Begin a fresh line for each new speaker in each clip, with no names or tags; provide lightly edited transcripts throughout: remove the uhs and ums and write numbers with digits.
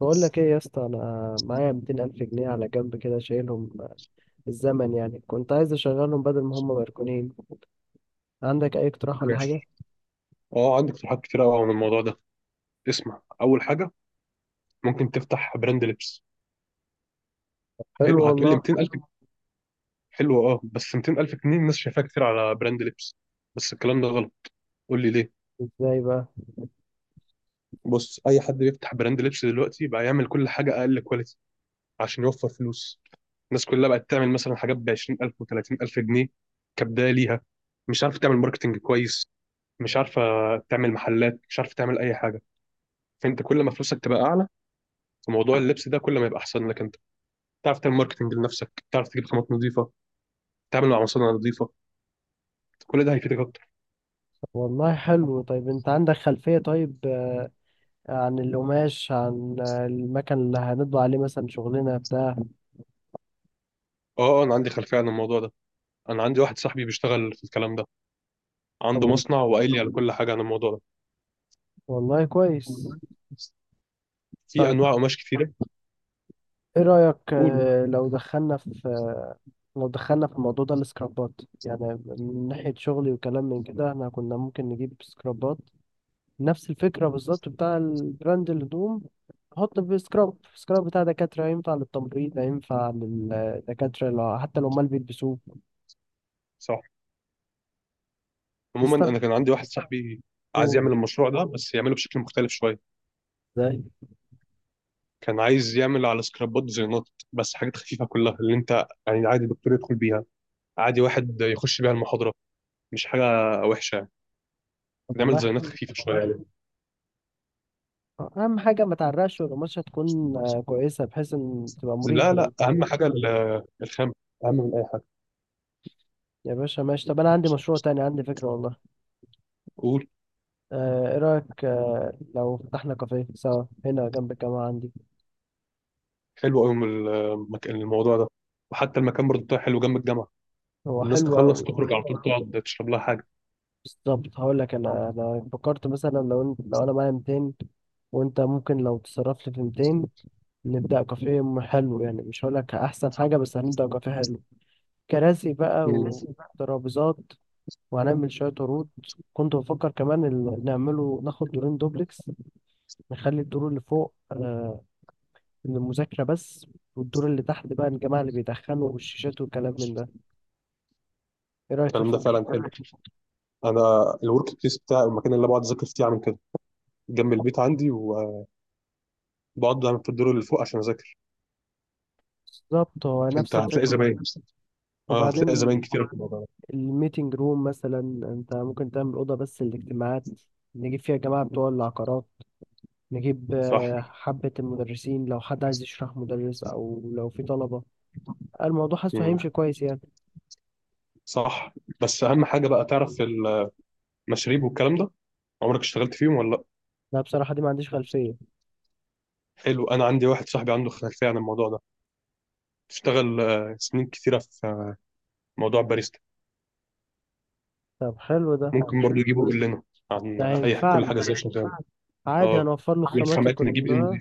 بقول لك ايه يا اسطى؟ انا معايا 200 الف جنيه على جنب، كده شايلهم الزمن، يعني كنت عايز اشغلهم بدل ما هم مركونين. عندك اي اقتراح ولا حاجه؟
ماشي. اه، عندك اقتراحات كتير قوي عن الموضوع ده. اسمع، اول حاجه ممكن تفتح براند لبس.
حلو
حلو، هتقول لي
والله.
200000. حلو، اه بس 200000 جنيه الناس شايفاها كتير على براند لبس، بس الكلام ده غلط. قول لي ليه.
ازاي بقى؟
بص، اي حد بيفتح براند لبس دلوقتي بقى يعمل كل حاجه اقل كواليتي عشان يوفر فلوس. الناس كلها بقت تعمل مثلا حاجات ب 20000 و30000 جنيه كبدايه ليها، مش عارفه تعمل ماركتنج كويس، مش عارفه تعمل محلات، مش عارفه تعمل اي حاجه. فانت كل ما فلوسك تبقى اعلى في موضوع اللبس ده كل ما يبقى احسن لك انت، تعرف تعمل ماركتنج لنفسك، تعرف تجيب خامات نظيفه، تتعامل مع مصانع نظيفه. كل ده هيفيدك اكتر.
والله حلو. طيب انت عندك خلفيه؟ طيب عن القماش، عن المكان اللي هنطبع عليه، مثلا شغلنا بتاع.
اه انا عندي خلفيه عن الموضوع ده. انا عندي واحد صاحبي بيشتغل في الكلام ده، عنده
طب
مصنع وقايل لي على كل حاجه عن الموضوع ده.
والله كويس.
في
طيب
انواع قماش كتيره.
ايه رايك
قولوا.
لو دخلنا في الموضوع ده، السكرابات، يعني من ناحية شغلي وكلام من كده. احنا كنا ممكن نجيب سكرابات نفس الفكرة بالظبط بتاع البراند الهدوم. حط في سكراب سكراب بتاع دكاترة، ينفع للتمريض ينفع للدكاترة، لو حتى لو ما بيلبسوه
صح. عموما
نستخدمه.
انا كان عندي واحد صاحبي عايز يعمل المشروع ده بس يعمله بشكل مختلف شويه.
ازاي؟
كان عايز يعمل على سكرابات ديزاينات، بس حاجات خفيفه كلها، اللي انت يعني عادي الدكتور يدخل بيها، عادي واحد يخش بيها المحاضره، مش حاجه وحشه يعني.
طب
نعمل
والله
ديزاينات
حلو.
خفيفه شويه
أهم حاجة ما تعرقش، والقماشة تكون
يعني.
كويسة، بحيث إن تبقى مريح
لا
يعني.
لا، اهم حاجه الخام اهم من اي حاجه.
يا باشا ماشي. طب أنا عندي مشروع تاني، عندي فكرة والله.
قول.
إيه رأيك لو فتحنا كافيه سوا هنا جنب الجامعة عندي؟
حلو قوي المكان، الموضوع ده. وحتى المكان برضه بتاعه حلو جنب الجامعه.
هو
الناس
حلو
تخلص
أوي.
تخرج على طول تقعد تشرب لها حاجه.
بالظبط. هقول لك انا فكرت مثلا لو انا معايا 200، وانت ممكن لو تصرف لي في 200، نبدا كافيه. حلو يعني، مش هقول لك احسن حاجه، بس هنبدا كافيه حلو. كراسي بقى
مم.
وترابيزات، وهنعمل شويه عروض. كنت بفكر كمان نعمله، ناخد دورين دوبلكس. نخلي الدور اللي فوق للمذاكره بس، والدور اللي تحت بقى الجماعه اللي بيدخنوا والشيشات والكلام من ده. ايه رايك في
الكلام ده
الفكر؟
فعلا حلو. انا الورك بليس بتاعي، المكان اللي بقعد اذاكر فيه، عامل كده جنب البيت عندي، وبقعد دايما في الدور اللي فوق عشان اذاكر.
بالظبط، هو نفس
انت هتلاقي
الفكر.
زباين. اه،
وبعدين
هتلاقي زباين كتير في الموضوع ده.
الميتنج روم مثلا، انت ممكن تعمل اوضه بس للاجتماعات، نجيب فيها جماعه بتوع العقارات، نجيب
صح.
حبه المدرسين، لو حد عايز يشرح مدرس، او لو في طلبه. الموضوع حاسه
مم.
هيمشي كويس يعني.
صح. بس اهم حاجه بقى تعرف المشاريب والكلام ده، عمرك اشتغلت فيهم ولا
لا بصراحه دي ما عنديش
لا؟
خلفيه.
حلو، انا عندي واحد صاحبي عنده خلفيه عن الموضوع ده، اشتغل سنين كتيره في موضوع باريستا.
طب حلو ده،
ممكن برضو يجيبه يقول لنا عن
ده
اي كل
هينفعنا.
حاجه ازاي شغاله.
عادي،
اه،
هنوفر له الخامات
والخامات نجيب ان.
كلها،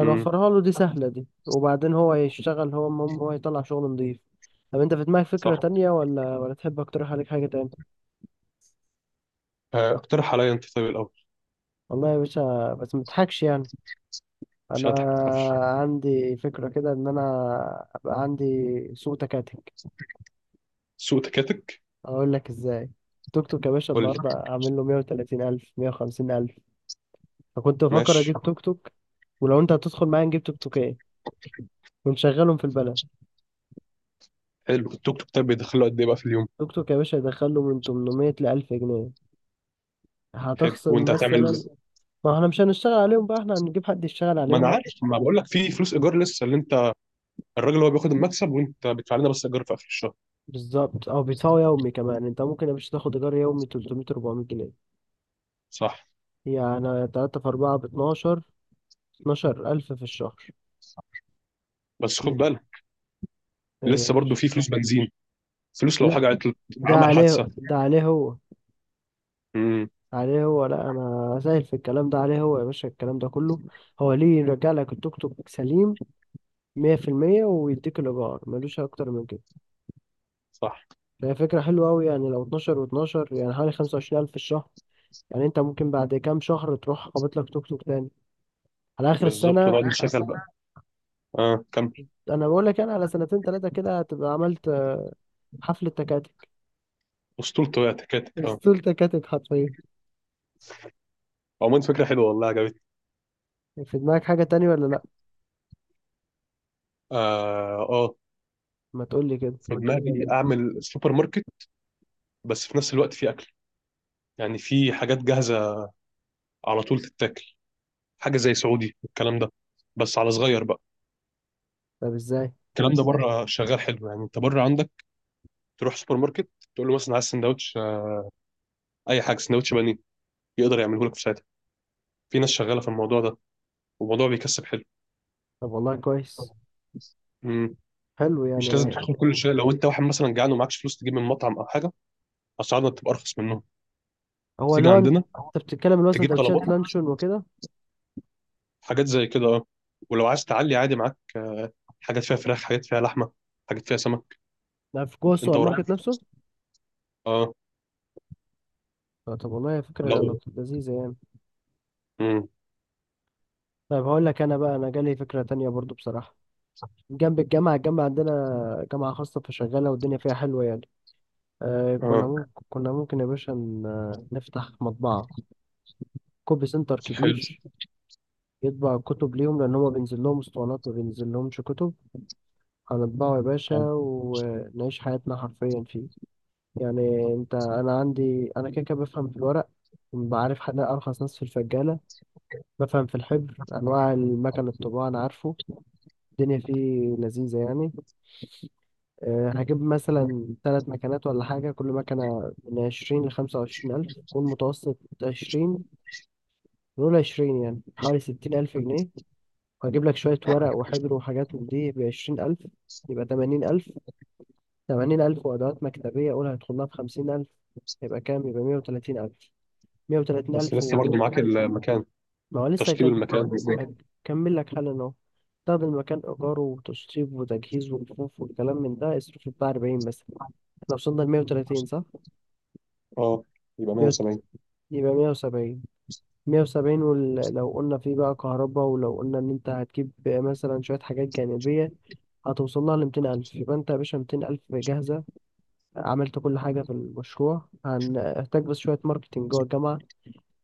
امم.
له، دي سهله دي، وبعدين هو يشتغل. هو المهم هو يطلع شغل نضيف. طب انت في دماغك فكره
صح.
تانية، ولا تحب اقترح عليك حاجه تانية؟
اقترح عليا انت طيب الاول.
والله يا باشا بس متضحكش يعني.
مش
انا
هضحك ما تخافش.
عندي فكرة كده ان انا ابقى عندي سوق تكاتك.
سوق تكاتك.
اقول لك ازاي. توك توك يا باشا
قول لي.
النهارده اعمل له 130 الف، 150 الف. فكنت بفكر
ماشي.
اجيب توك توك، ولو انت هتدخل معايا نجيب توك توكين ونشغلهم في البلد.
حلو التوك توك. طيب بيدخله قد ايه بقى في اليوم؟
توك توك يا باشا يدخل له من 800 ل 1000 جنيه.
حلو،
هتخصم
وانت هتعمل.
مثلا. ما احنا مش هنشتغل عليهم بقى، احنا هنجيب حد يشتغل
ما انا
عليهم.
عارف، ما بقول لك في فلوس ايجار لسه، اللي انت الراجل هو بياخد المكسب وانت بتدفع لنا بس ايجار في اخر الشهر.
بالظبط. او بيدفعوا يومي كمان، انت ممكن يا باشا تاخد ايجار يومي 300 400 جنيه،
صح.
يعني 3 في 4 ب 12، 12,000 في الشهر.
بس خد
ايه
بالك،
يا
لسه برضو
باشا؟
في فلوس بنزين، فلوس لو
لا،
حاجة عطلت،
ده
عمل
عليه
حادثة.
ده عليه هو،
امم.
عليه هو. لا انا سائل في الكلام ده، عليه هو يا باشا الكلام ده كله. هو ليه؟ يرجع لك التوك توك سليم 100%، ويديك الايجار، ملوش اكتر من كده.
صح.
فهي فكره حلوه قوي يعني. لو 12 و12 يعني حوالي 25,000 في الشهر، يعني انت ممكن بعد كام شهر تروح قابض لك توك توك تاني، على اخر
بالظبط
السنه.
ونقعد نشغل بقى. اه كمل.
انا بقول لك انا، على سنتين ثلاثه كده هتبقى عملت حفله تكاتك،
اسطورته، هي تكاتك اه.
اسطول تكاتك حرفيا.
عموما فكرة حلوة والله، عجبتني.
في دماغك حاجه تانية ولا لا؟
اه اه.
ما تقول لي كده.
في دماغي اعمل سوبر ماركت، بس في نفس الوقت في اكل، يعني في حاجات جاهزة على طول تتاكل، حاجة زي سعودي والكلام ده، بس على صغير بقى.
طب ازاي؟
الكلام ده بره شغال حلو. يعني انت بره عندك، تروح سوبر ماركت تقول له مثلا عايز سندوتش، اي حاجة، سندوتش بانيه يقدر يعمله لك في ساعتها. في ناس شغالة في الموضوع ده والموضوع بيكسب حلو.
طب والله كويس. حلو
مش لازم
يعني.
تدخل كل شيء. لو انت واحد مثلا جعان ومعكش فلوس تجيب من مطعم او حاجه، اسعارنا بتبقى ارخص منهم،
هو اللي
تيجي
هو انت
عندنا
بتتكلم، اللي هو
تجيب طلبات،
سندوتشات لانشون وكده؟
حاجات زي كده اه. ولو عايز تعلي عادي، معاك حاجات فيها فراخ، حاجات فيها لحمه، حاجات فيها سمك.
ده في جوه
انت
السوبر ماركت
وراحتك.
نفسه؟
اه.
طب والله فكرة
لو.
لذيذة يعني.
امم.
طيب هقول لك انا بقى، انا جالي فكرة تانية برضو بصراحة. جنب الجامعة، الجامعة عندنا جامعة خاصة فشغالة والدنيا فيها حلوة يعني. آه كنا
اه.
ممكن كنا ممكن يا باشا نفتح مطبعة، كوبي سنتر
حلو.
كبير، يطبع الكتب ليهم، لأن هما بينزل لهم اسطوانات ما بينزل لهمش كتب. هنطبعه يا باشا
آه.
ونعيش حياتنا حرفيا فيه. يعني انت، انا عندي انا كده كده بفهم في الورق، بعرف حد ارخص ناس في الفجالة، بفهم في الحبر، انواع المكن الطباعة انا عارفه. الدنيا فيه لذيذة يعني. أه هجيب مثلا ثلاث مكنات ولا حاجة، كل مكنة من عشرين لخمسة وعشرين ألف، والمتوسط عشرين. نقول عشرين، يعني حوالي ستين ألف جنيه. وهجيب لك شوية ورق وحبر وحاجات من دي بعشرين ألف، يبقى تمانين ألف. تمانين ألف وأدوات مكتبية، قول هيدخلها في خمسين ألف. يبقى كام؟ يبقى مية وتلاتين ألف. مية وتلاتين
بس
ألف
لسه
و.
برضه معاك المكان،
ما هو لسه
تشطيب المكان.
هكمل لك حالا أهو. تاخد المكان إيجاره وتشطيب وتجهيز ورفوف والكلام من ده، اصرف بتاع أربعين بس. احنا وصلنا لمية وتلاتين صح؟
اه يبقى
مية وت-
170.
يبقى مية وسبعين. مية وسبعين، ولو قلنا فيه بقى كهرباء، ولو قلنا إن أنت هتجيب مثلا شوية حاجات جانبية، هتوصل لها لميتين ألف. يبقى أنت يا باشا ميتين ألف جاهزة، عملت كل حاجة في المشروع. هنحتاج بس شوية ماركتينج جوه الجامعة.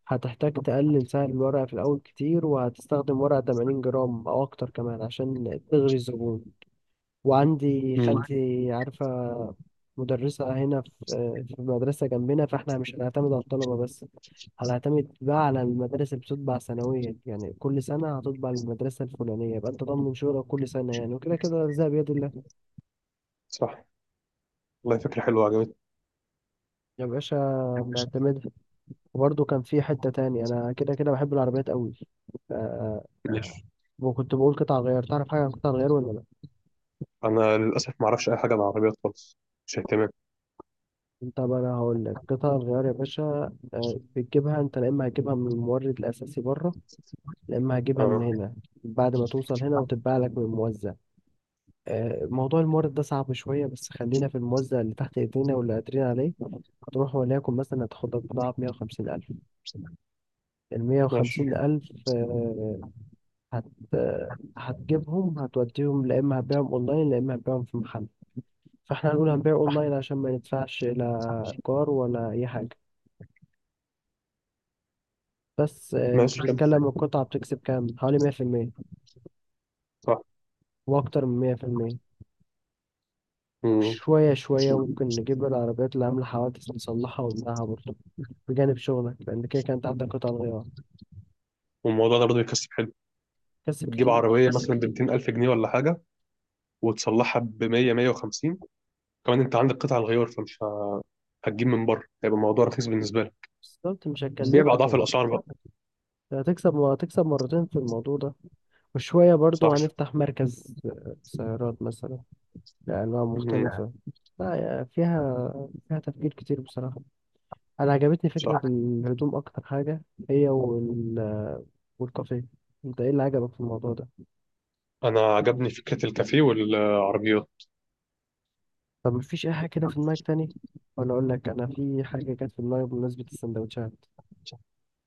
هتحتاج تقلل سعر الورقة في الأول كتير، وهتستخدم ورقة 80 جرام أو أكتر كمان عشان تغري الزبون. وعندي
امم.
خالتي عارفة مدرسة هنا في، في مدرسة جنبنا، فاحنا مش هنعتمد على الطلبة بس، هنعتمد بقى على المدارس اللي بتطبع سنويا. يعني كل سنة هتطبع المدرسة الفلانية، يبقى أنت ضامن شغلك كل سنة يعني، وكده كده الرزق بيد الله.
صح. والله فكره حلوه عجبتني.
يا باشا بنعتمدها. وبرضه كان في حتة تاني، أنا كده كده بحب العربيات أوي. آه،
ماشي.
وكنت بقول قطع الغيار. تعرف حاجة عن قطع الغيار ولا لأ؟
انا للاسف ما اعرفش اي حاجه عن العربيات خالص، مش اهتمام.
أنت بقى، أنا هقول لك قطع الغيار يا باشا. بتجيبها أنت، لا إما هتجيبها من المورد الأساسي بره، لا إما هتجيبها من
اه.
هنا بعد ما توصل هنا وتتباع لك من الموزع. موضوع المورد ده صعب شوية، بس خلينا في الموزع اللي تحت إيدينا واللي قادرين عليه. هتروح وليكن مثلا هتاخد لك بضاعة بمية وخمسين ألف. المية
ماشي.
وخمسين ألف آه، هت آه، هتجيبهم، هتوديهم، لا إما هتبيعهم أونلاين، لا إما هتبيعهم في محل. فاحنا هنقول هنبيع اونلاين عشان ما ندفعش لا ايجار ولا اي حاجه. بس انت
ماشي كمل.
بتتكلم القطعه بتكسب كام؟ حوالي 100%،
صح.
واكتر من 100%.
مم.
شويه شويه ممكن نجيب العربيات اللي عامله حوادث، نصلحها ونبيعها برضه بجانب شغلك، لان كده كانت عندك قطع غيار.
والموضوع ده برضه بيكسب حلو.
كسب
بتجيب عربية
كتير.
مثلا ب 200000 جنيه ولا حاجة، وتصلحها ب 100 150. كمان أنت عندك قطع الغيار، فمش هتجيب من بره، هيبقى الموضوع رخيص بالنسبة لك.
بالظبط، مش
بيع
هتكلفك
بأضعاف
يعني.
الأسعار بقى.
هتكسب هتكسب مرتين في الموضوع ده. وشوية برضو
صح.
هنفتح مركز سيارات مثلا لأنواع
مم.
مختلفة. لا يا- فيها، فيها تفكير كتير بصراحة. انا عجبتني فكره
صح.
الهدوم اكتر حاجه، هي والكافيه. انت ايه اللي عجبك في الموضوع ده؟
أنا عجبني فكرة الكافيه والعربيات.
طب مفيش اي حاجه كده في دماغك تاني؟ ولا اقول لك انا في حاجه كانت في دماغي بمناسبه السندوتشات.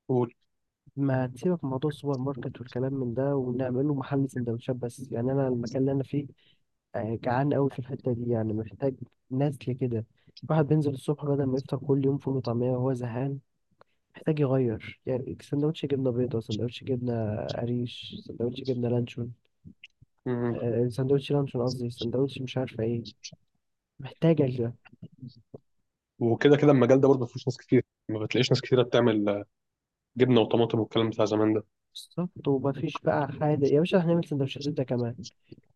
قول.
ما تسيبك من موضوع السوبر ماركت والكلام من ده ونعمله محل سندوتشات بس. يعني انا المكان اللي انا فيه جعان قوي في الحته دي، يعني محتاج. نسل كده، واحد بينزل الصبح بدل ما يفطر كل يوم فول وطعميه وهو زهقان، محتاج يغير يعني. سندوتش جبنه بيضاء، سندوتش جبنه قريش، سندوتش جبنه لانشون،
مم.
سندوتش لانشون قصدي، سندوتش مش عارفة ايه. محتاجة كده.
وكده كده المجال ده برضه ما فيهوش ناس كتير، ما بتلاقيش ناس كتيرة بتعمل جبنة وطماطم والكلام بتاع زمان ده.
بالظبط. ومفيش بقى حادق يا باشا، هنعمل سندوتشات زبدة كمان.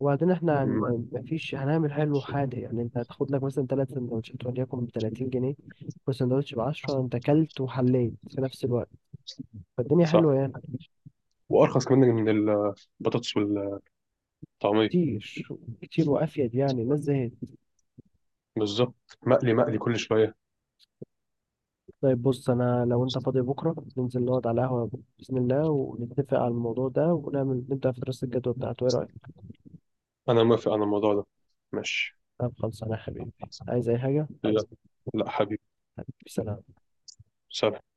وبعدين احنا
مم.
مفيش، هنعمل حلو حادق يعني. انت هتاخد لك مثلا تلات سندوتشات وليكن ب 30 جنيه، والسندوتش ب 10. انت كلت وحليت في نفس الوقت، فالدنيا
صح.
حلوة يعني.
وأرخص كمان من البطاطس والطعمية.
كتير، كتير وافيد يعني، الناس زهقت.
بالظبط، مقلي مقلي كل شوية.
طيب بص، انا لو انت فاضي بكرة ننزل نقعد على القهوة بإذن الله، ونتفق على الموضوع ده، ونعمل نبدأ في دراسة الجدوى بتاعته. ايه رأيك؟
أنا موافق على الموضوع ده. ماشي.
طب خلصانة يا حبيبي. عايز اي حاجة؟
لا. لا حبيبي.
سلام.
سلام.